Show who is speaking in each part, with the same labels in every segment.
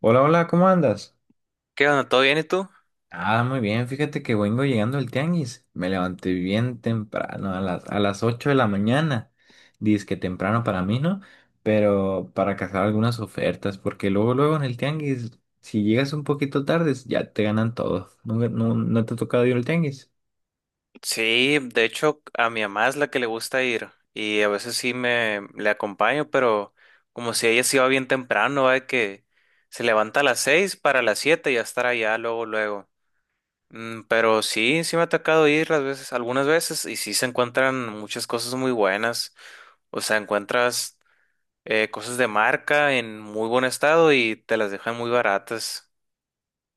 Speaker 1: Hola, hola, ¿cómo andas?
Speaker 2: ¿Qué onda? ¿Todo bien y tú?
Speaker 1: Ah, muy bien, fíjate que vengo llegando al tianguis. Me levanté bien temprano, a las 8 de la mañana. Dice que temprano para mí, ¿no? Pero para cazar algunas ofertas, porque luego, luego en el tianguis, si llegas un poquito tarde, ya te ganan todo. ¿No, no, no te ha tocado ir al tianguis?
Speaker 2: Sí, de hecho a mi mamá es la que le gusta ir y a veces sí me le acompaño, pero como si ella se iba bien temprano, ¿va? De que se levanta a las seis para las siete y ya estar allá luego, luego. Pero sí, sí me ha tocado ir las veces, algunas veces y sí se encuentran muchas cosas muy buenas. O sea, encuentras cosas de marca en muy buen estado y te las dejan muy baratas.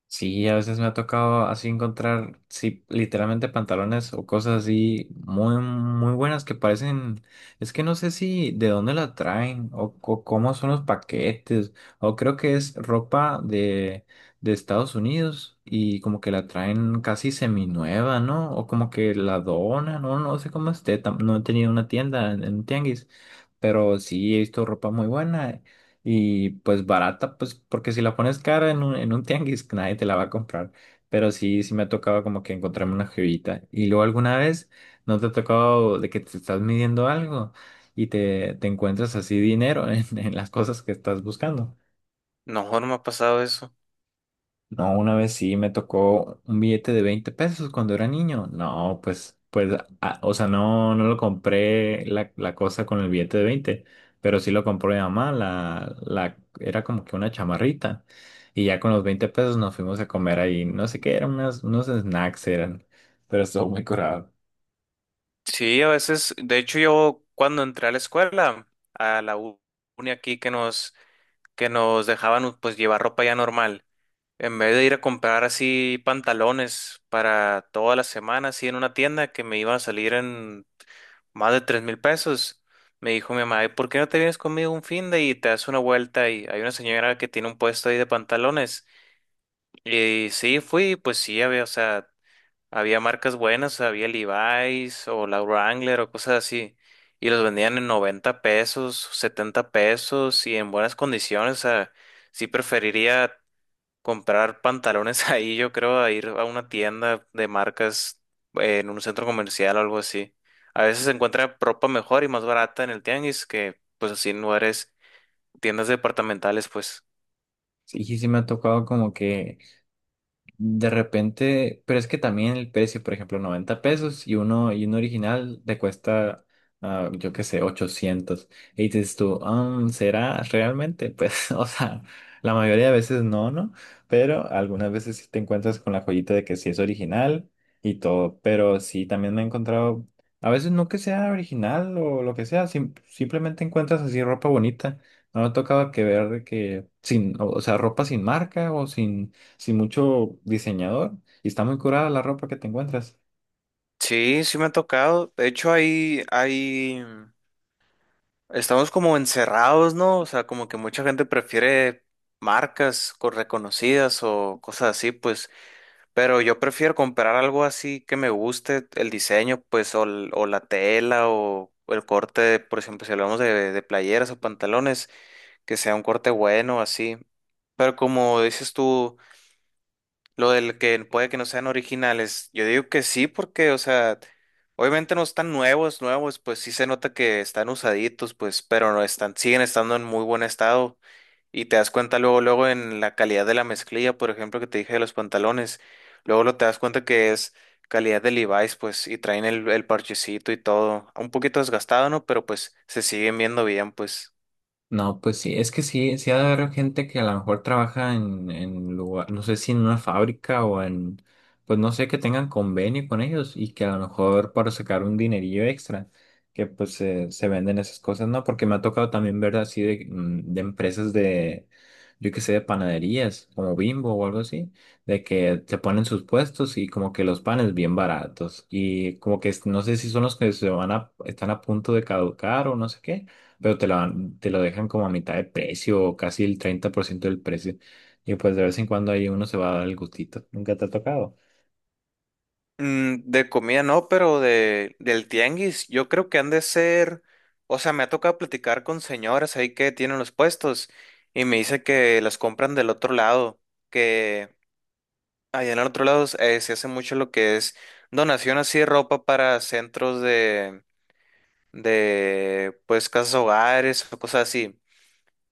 Speaker 1: Sí, a veces me ha tocado así encontrar, sí, literalmente pantalones o cosas así muy, muy buenas que parecen, es que no sé si de dónde la traen o cómo son los paquetes, o creo que es ropa de Estados Unidos y como que la traen casi seminueva, ¿no? O como que la donan, no, no sé cómo esté, no he tenido una tienda en un tianguis, pero sí he visto ropa muy buena y pues barata, pues porque si la pones cara en un tianguis, nadie te la va a comprar. Pero sí, sí me ha tocado como que encontrarme una jevita. Y luego alguna vez, ¿no te ha tocado de que te estás midiendo algo y te encuentras así dinero en las cosas que estás buscando?
Speaker 2: No, no me ha pasado eso.
Speaker 1: No, una vez sí me tocó un billete de 20 pesos cuando era niño. No, pues, ah, o sea, no, no lo compré la cosa con el billete de 20, pero sí lo compró mi mamá, la era como que una chamarrita. Y ya con los 20 pesos nos fuimos a comer ahí, no sé qué, eran unos snacks eran, pero estuvo muy curado.
Speaker 2: Sí, a veces, de hecho yo cuando entré a la escuela, a la uni aquí que nos dejaban pues llevar ropa ya normal, en vez de ir a comprar así pantalones para toda la semana, así en una tienda que me iban a salir en más de 3,000 pesos. Me dijo mi mamá, "Ay, ¿por qué no te vienes conmigo un fin de y te das una vuelta? Y hay una señora que tiene un puesto ahí de pantalones". Y sí, fui, pues sí, había, o sea, había marcas buenas, había Levi's o la Wrangler o cosas así. Y los vendían en 90 pesos, 70 pesos y en buenas condiciones. O sea, sí preferiría comprar pantalones ahí, yo creo, a ir a una tienda de marcas en un centro comercial o algo así. A veces se encuentra ropa mejor y más barata en el tianguis que pues así en lugares, tiendas departamentales, pues.
Speaker 1: Sí, sí sí me ha tocado como que de repente, pero es que también el precio, por ejemplo, 90 pesos y uno original te cuesta, ah, yo qué sé, 800. Y dices tú, "Ah, ¿será realmente? Pues, o sea, la mayoría de veces no, ¿no? Pero algunas veces sí te encuentras con la joyita de que sí es original y todo. Pero sí, también me he encontrado, a veces no que sea original o lo que sea, simplemente encuentras así ropa bonita. No me ha tocado que ver de que sin, o sea, ropa sin marca o sin mucho diseñador y está muy curada la ropa que te encuentras.
Speaker 2: Sí, sí me ha tocado. De hecho, hay estamos como encerrados, ¿no? O sea, como que mucha gente prefiere marcas reconocidas o cosas así, pues, pero yo prefiero comprar algo así que me guste el diseño, pues, o, o la tela o, el corte, por ejemplo, si hablamos de playeras o pantalones, que sea un corte bueno, así. Pero como dices tú, lo del que puede que no sean originales, yo digo que sí, porque, o sea, obviamente no están nuevos, nuevos, pues sí se nota que están usaditos, pues, pero no están, siguen estando en muy buen estado. Y te das cuenta luego, luego en la calidad de la mezclilla, por ejemplo, que te dije de los pantalones, luego lo te das cuenta que es calidad de Levi's, pues, y traen el parchecito y todo, un poquito desgastado, ¿no? Pero pues se siguen viendo bien, pues.
Speaker 1: No, pues sí, es que sí, sí ha de haber gente que a lo mejor trabaja en lugar, no sé si en una fábrica o en, pues no sé, que tengan convenio con ellos y que a lo mejor para sacar un dinerillo extra, que pues se venden esas cosas, ¿no? Porque me ha tocado también ver así de, de empresas de, yo qué sé, de panaderías, como Bimbo o algo así, de que te ponen sus puestos y como que los panes bien baratos y como que no sé si son los que se van a, están a punto de caducar o no sé qué, pero te lo, te lo dejan como a mitad de precio o casi el 30% del precio. Y pues de vez en cuando ahí uno se va a dar el gustito. Nunca te ha tocado.
Speaker 2: De comida no, pero del tianguis, yo creo que han de ser, o sea, me ha tocado platicar con señoras ahí que tienen los puestos y me dice que las compran del otro lado, que allá en el otro lado se hace mucho lo que es donación así de ropa para centros de, pues, casas hogares o cosas así.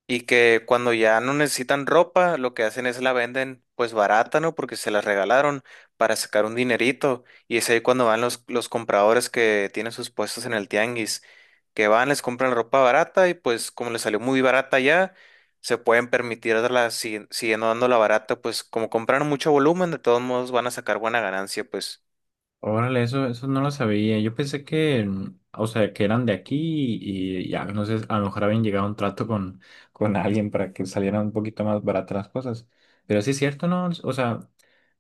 Speaker 2: Y que cuando ya no necesitan ropa, lo que hacen es la venden pues barata, ¿no? Porque se la regalaron para sacar un dinerito. Y es ahí cuando van los compradores que tienen sus puestos en el tianguis, que van, les compran ropa barata y pues como les salió muy barata ya, se pueden permitir darla siguiendo dándola barata, pues como compraron mucho volumen, de todos modos van a sacar buena ganancia, pues.
Speaker 1: Órale, eso no lo sabía. Yo pensé que, o sea, que eran de aquí y ya, no sé, a lo mejor habían llegado a un trato con alguien para que salieran un poquito más baratas las cosas. Pero sí es cierto, ¿no? O sea,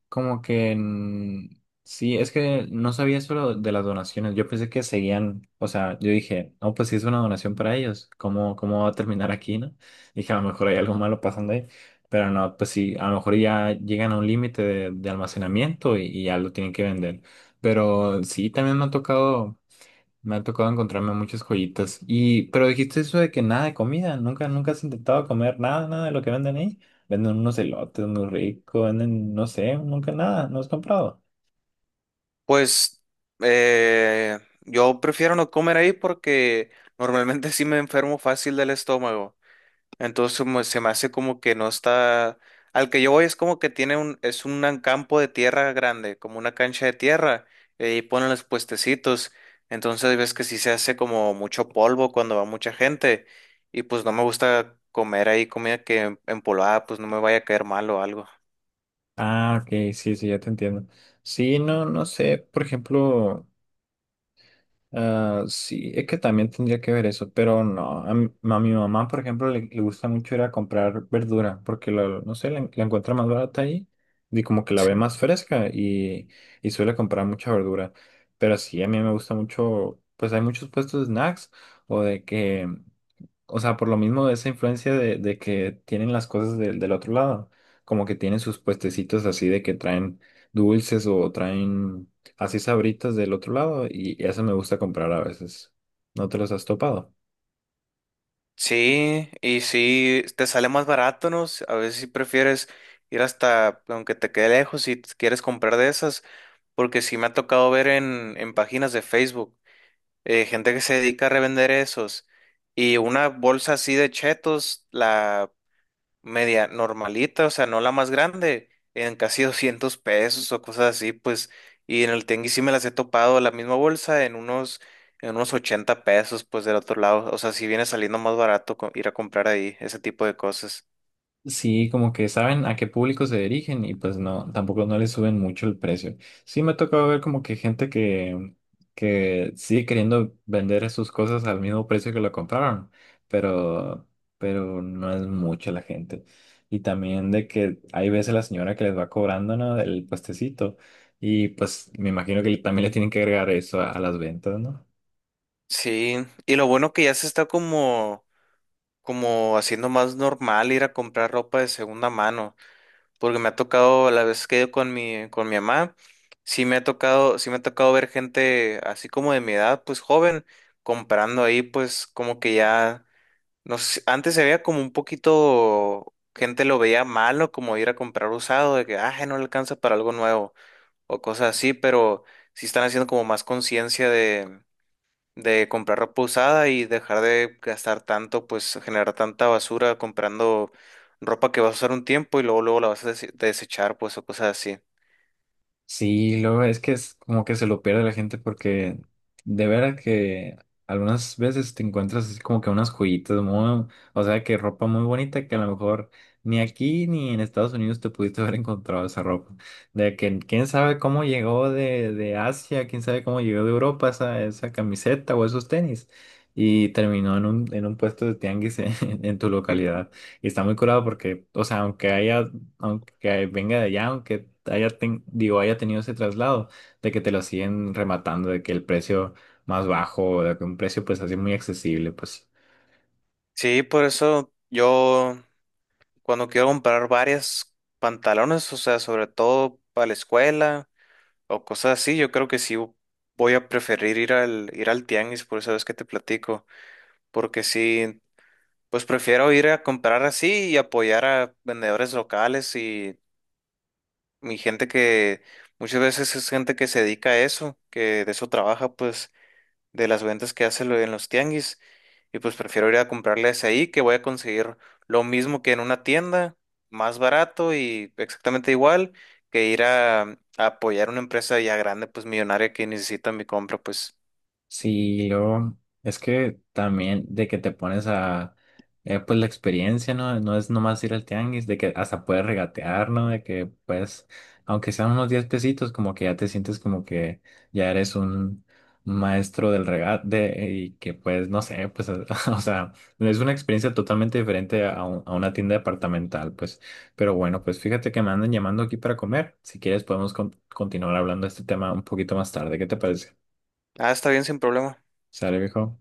Speaker 1: como que sí, es que no sabía eso de las donaciones. Yo pensé que seguían, o sea, yo dije, no, pues si es una donación para ellos, ¿cómo, cómo va a terminar aquí, no? Dije, a lo mejor hay algo malo pasando ahí, pero no, pues sí, a lo mejor ya llegan a un límite de almacenamiento y ya lo tienen que vender. Pero sí, también me ha tocado. Me ha tocado encontrarme muchas joyitas. Y, pero dijiste eso de que nada de comida, nunca, nunca has intentado comer nada, nada de lo que venden ahí. Venden unos elotes muy ricos, venden, no sé, nunca nada, no has comprado.
Speaker 2: Pues yo prefiero no comer ahí porque normalmente sí me enfermo fácil del estómago. Entonces como se me hace como que no está. Al que yo voy es como que tiene un, es un campo de tierra grande, como una cancha de tierra, y ponen los puestecitos. Entonces ves que sí se hace como mucho polvo cuando va mucha gente. Y pues no me gusta comer ahí comida que empolvada, pues no me vaya a caer mal o algo.
Speaker 1: Ah, ok, sí, sí, ya te entiendo. Sí, no, no sé, por ejemplo. Ah, sí, es que también tendría que ver eso, pero no. A mi mamá, por ejemplo, le gusta mucho ir a comprar verdura porque no sé, la encuentra más barata ahí y como que la ve
Speaker 2: Sí.
Speaker 1: más fresca y suele comprar mucha verdura. Pero sí, a mí me gusta mucho, pues hay muchos puestos de snacks o de que o sea, por lo mismo de esa influencia de que tienen las cosas del del otro lado, como que tienen sus puestecitos así de que traen dulces o traen así sabritas del otro lado y eso me gusta comprar a veces. ¿No te los has topado?
Speaker 2: Sí, y sí, te sale más barato, ¿no? A veces si prefieres ir hasta, aunque te quede lejos, si quieres comprar de esas, porque sí me ha tocado ver en, páginas de Facebook gente que se dedica a revender esos. Y una bolsa así de chetos, la media normalita, o sea, no la más grande, en casi 200 pesos o cosas así, pues. Y en el tianguis sí me las he topado, la misma bolsa, en unos, 80 pesos, pues del otro lado. O sea, sí viene saliendo más barato ir a comprar ahí ese tipo de cosas.
Speaker 1: Sí, como que saben a qué público se dirigen y pues no, tampoco no le suben mucho el precio. Sí, me ha tocado ver como que gente que sigue queriendo vender sus cosas al mismo precio que lo compraron, pero, pero no es mucha la gente. Y también de que hay veces la señora que les va cobrando, ¿no? El puestecito. Y pues me imagino que también le tienen que agregar eso a las ventas, ¿no?
Speaker 2: Sí, y lo bueno que ya se está como, como haciendo más normal ir a comprar ropa de segunda mano, porque me ha tocado, la vez que he ido con mi mamá, sí me ha tocado, ver gente así como de mi edad, pues joven, comprando ahí, pues como que ya, no sé, antes se veía como un poquito, gente lo veía malo, como ir a comprar usado, de que, ah, no le alcanza para algo nuevo, o cosas así, pero sí están haciendo como más conciencia de comprar ropa usada y dejar de gastar tanto, pues generar tanta basura comprando ropa que vas a usar un tiempo y luego luego la vas a desechar, pues o cosas así.
Speaker 1: Sí, luego es que es como que se lo pierde la gente porque de veras que algunas veces te encuentras así como que unas joyitas muy, o sea, que ropa muy bonita que a lo mejor ni aquí ni en Estados Unidos te pudiste haber encontrado esa ropa. De que quién sabe cómo llegó de Asia, quién sabe cómo llegó de Europa esa, esa camiseta o esos tenis. Y terminó en un puesto de tianguis en, en tu localidad. Y está muy curado porque, o sea, aunque haya aunque venga de allá, aunque haya, digo, haya tenido ese traslado, de que te lo siguen rematando, de que el precio más bajo, de que un precio pues así muy accesible, pues.
Speaker 2: Sí, por eso yo cuando quiero comprar varias pantalones, o sea, sobre todo para la escuela o cosas así, yo creo que sí voy a preferir ir al tianguis, por eso es que te platico, porque sí, pues prefiero ir a comprar así y apoyar a vendedores locales. Mi gente que muchas veces es gente que se dedica a eso, que de eso trabaja, pues, de las ventas que hace en los tianguis. Y pues prefiero ir a comprarles ahí, que voy a conseguir lo mismo que en una tienda, más barato y exactamente igual, que ir a, apoyar una empresa ya grande, pues millonaria que necesita mi compra, pues.
Speaker 1: Sí, yo, es que también de que te pones a, pues la experiencia, ¿no? No es nomás ir al tianguis, de que hasta puedes regatear, ¿no? De que pues, aunque sean unos 10 pesitos, como que ya te sientes como que ya eres un maestro del regate y que pues, no sé, pues, o sea, es una experiencia totalmente diferente a, a una tienda departamental, pues. Pero bueno, pues fíjate que me andan llamando aquí para comer. Si quieres podemos continuar hablando de este tema un poquito más tarde. ¿Qué te parece?
Speaker 2: Ah, está bien, sin problema.
Speaker 1: ¿Sale, viejo?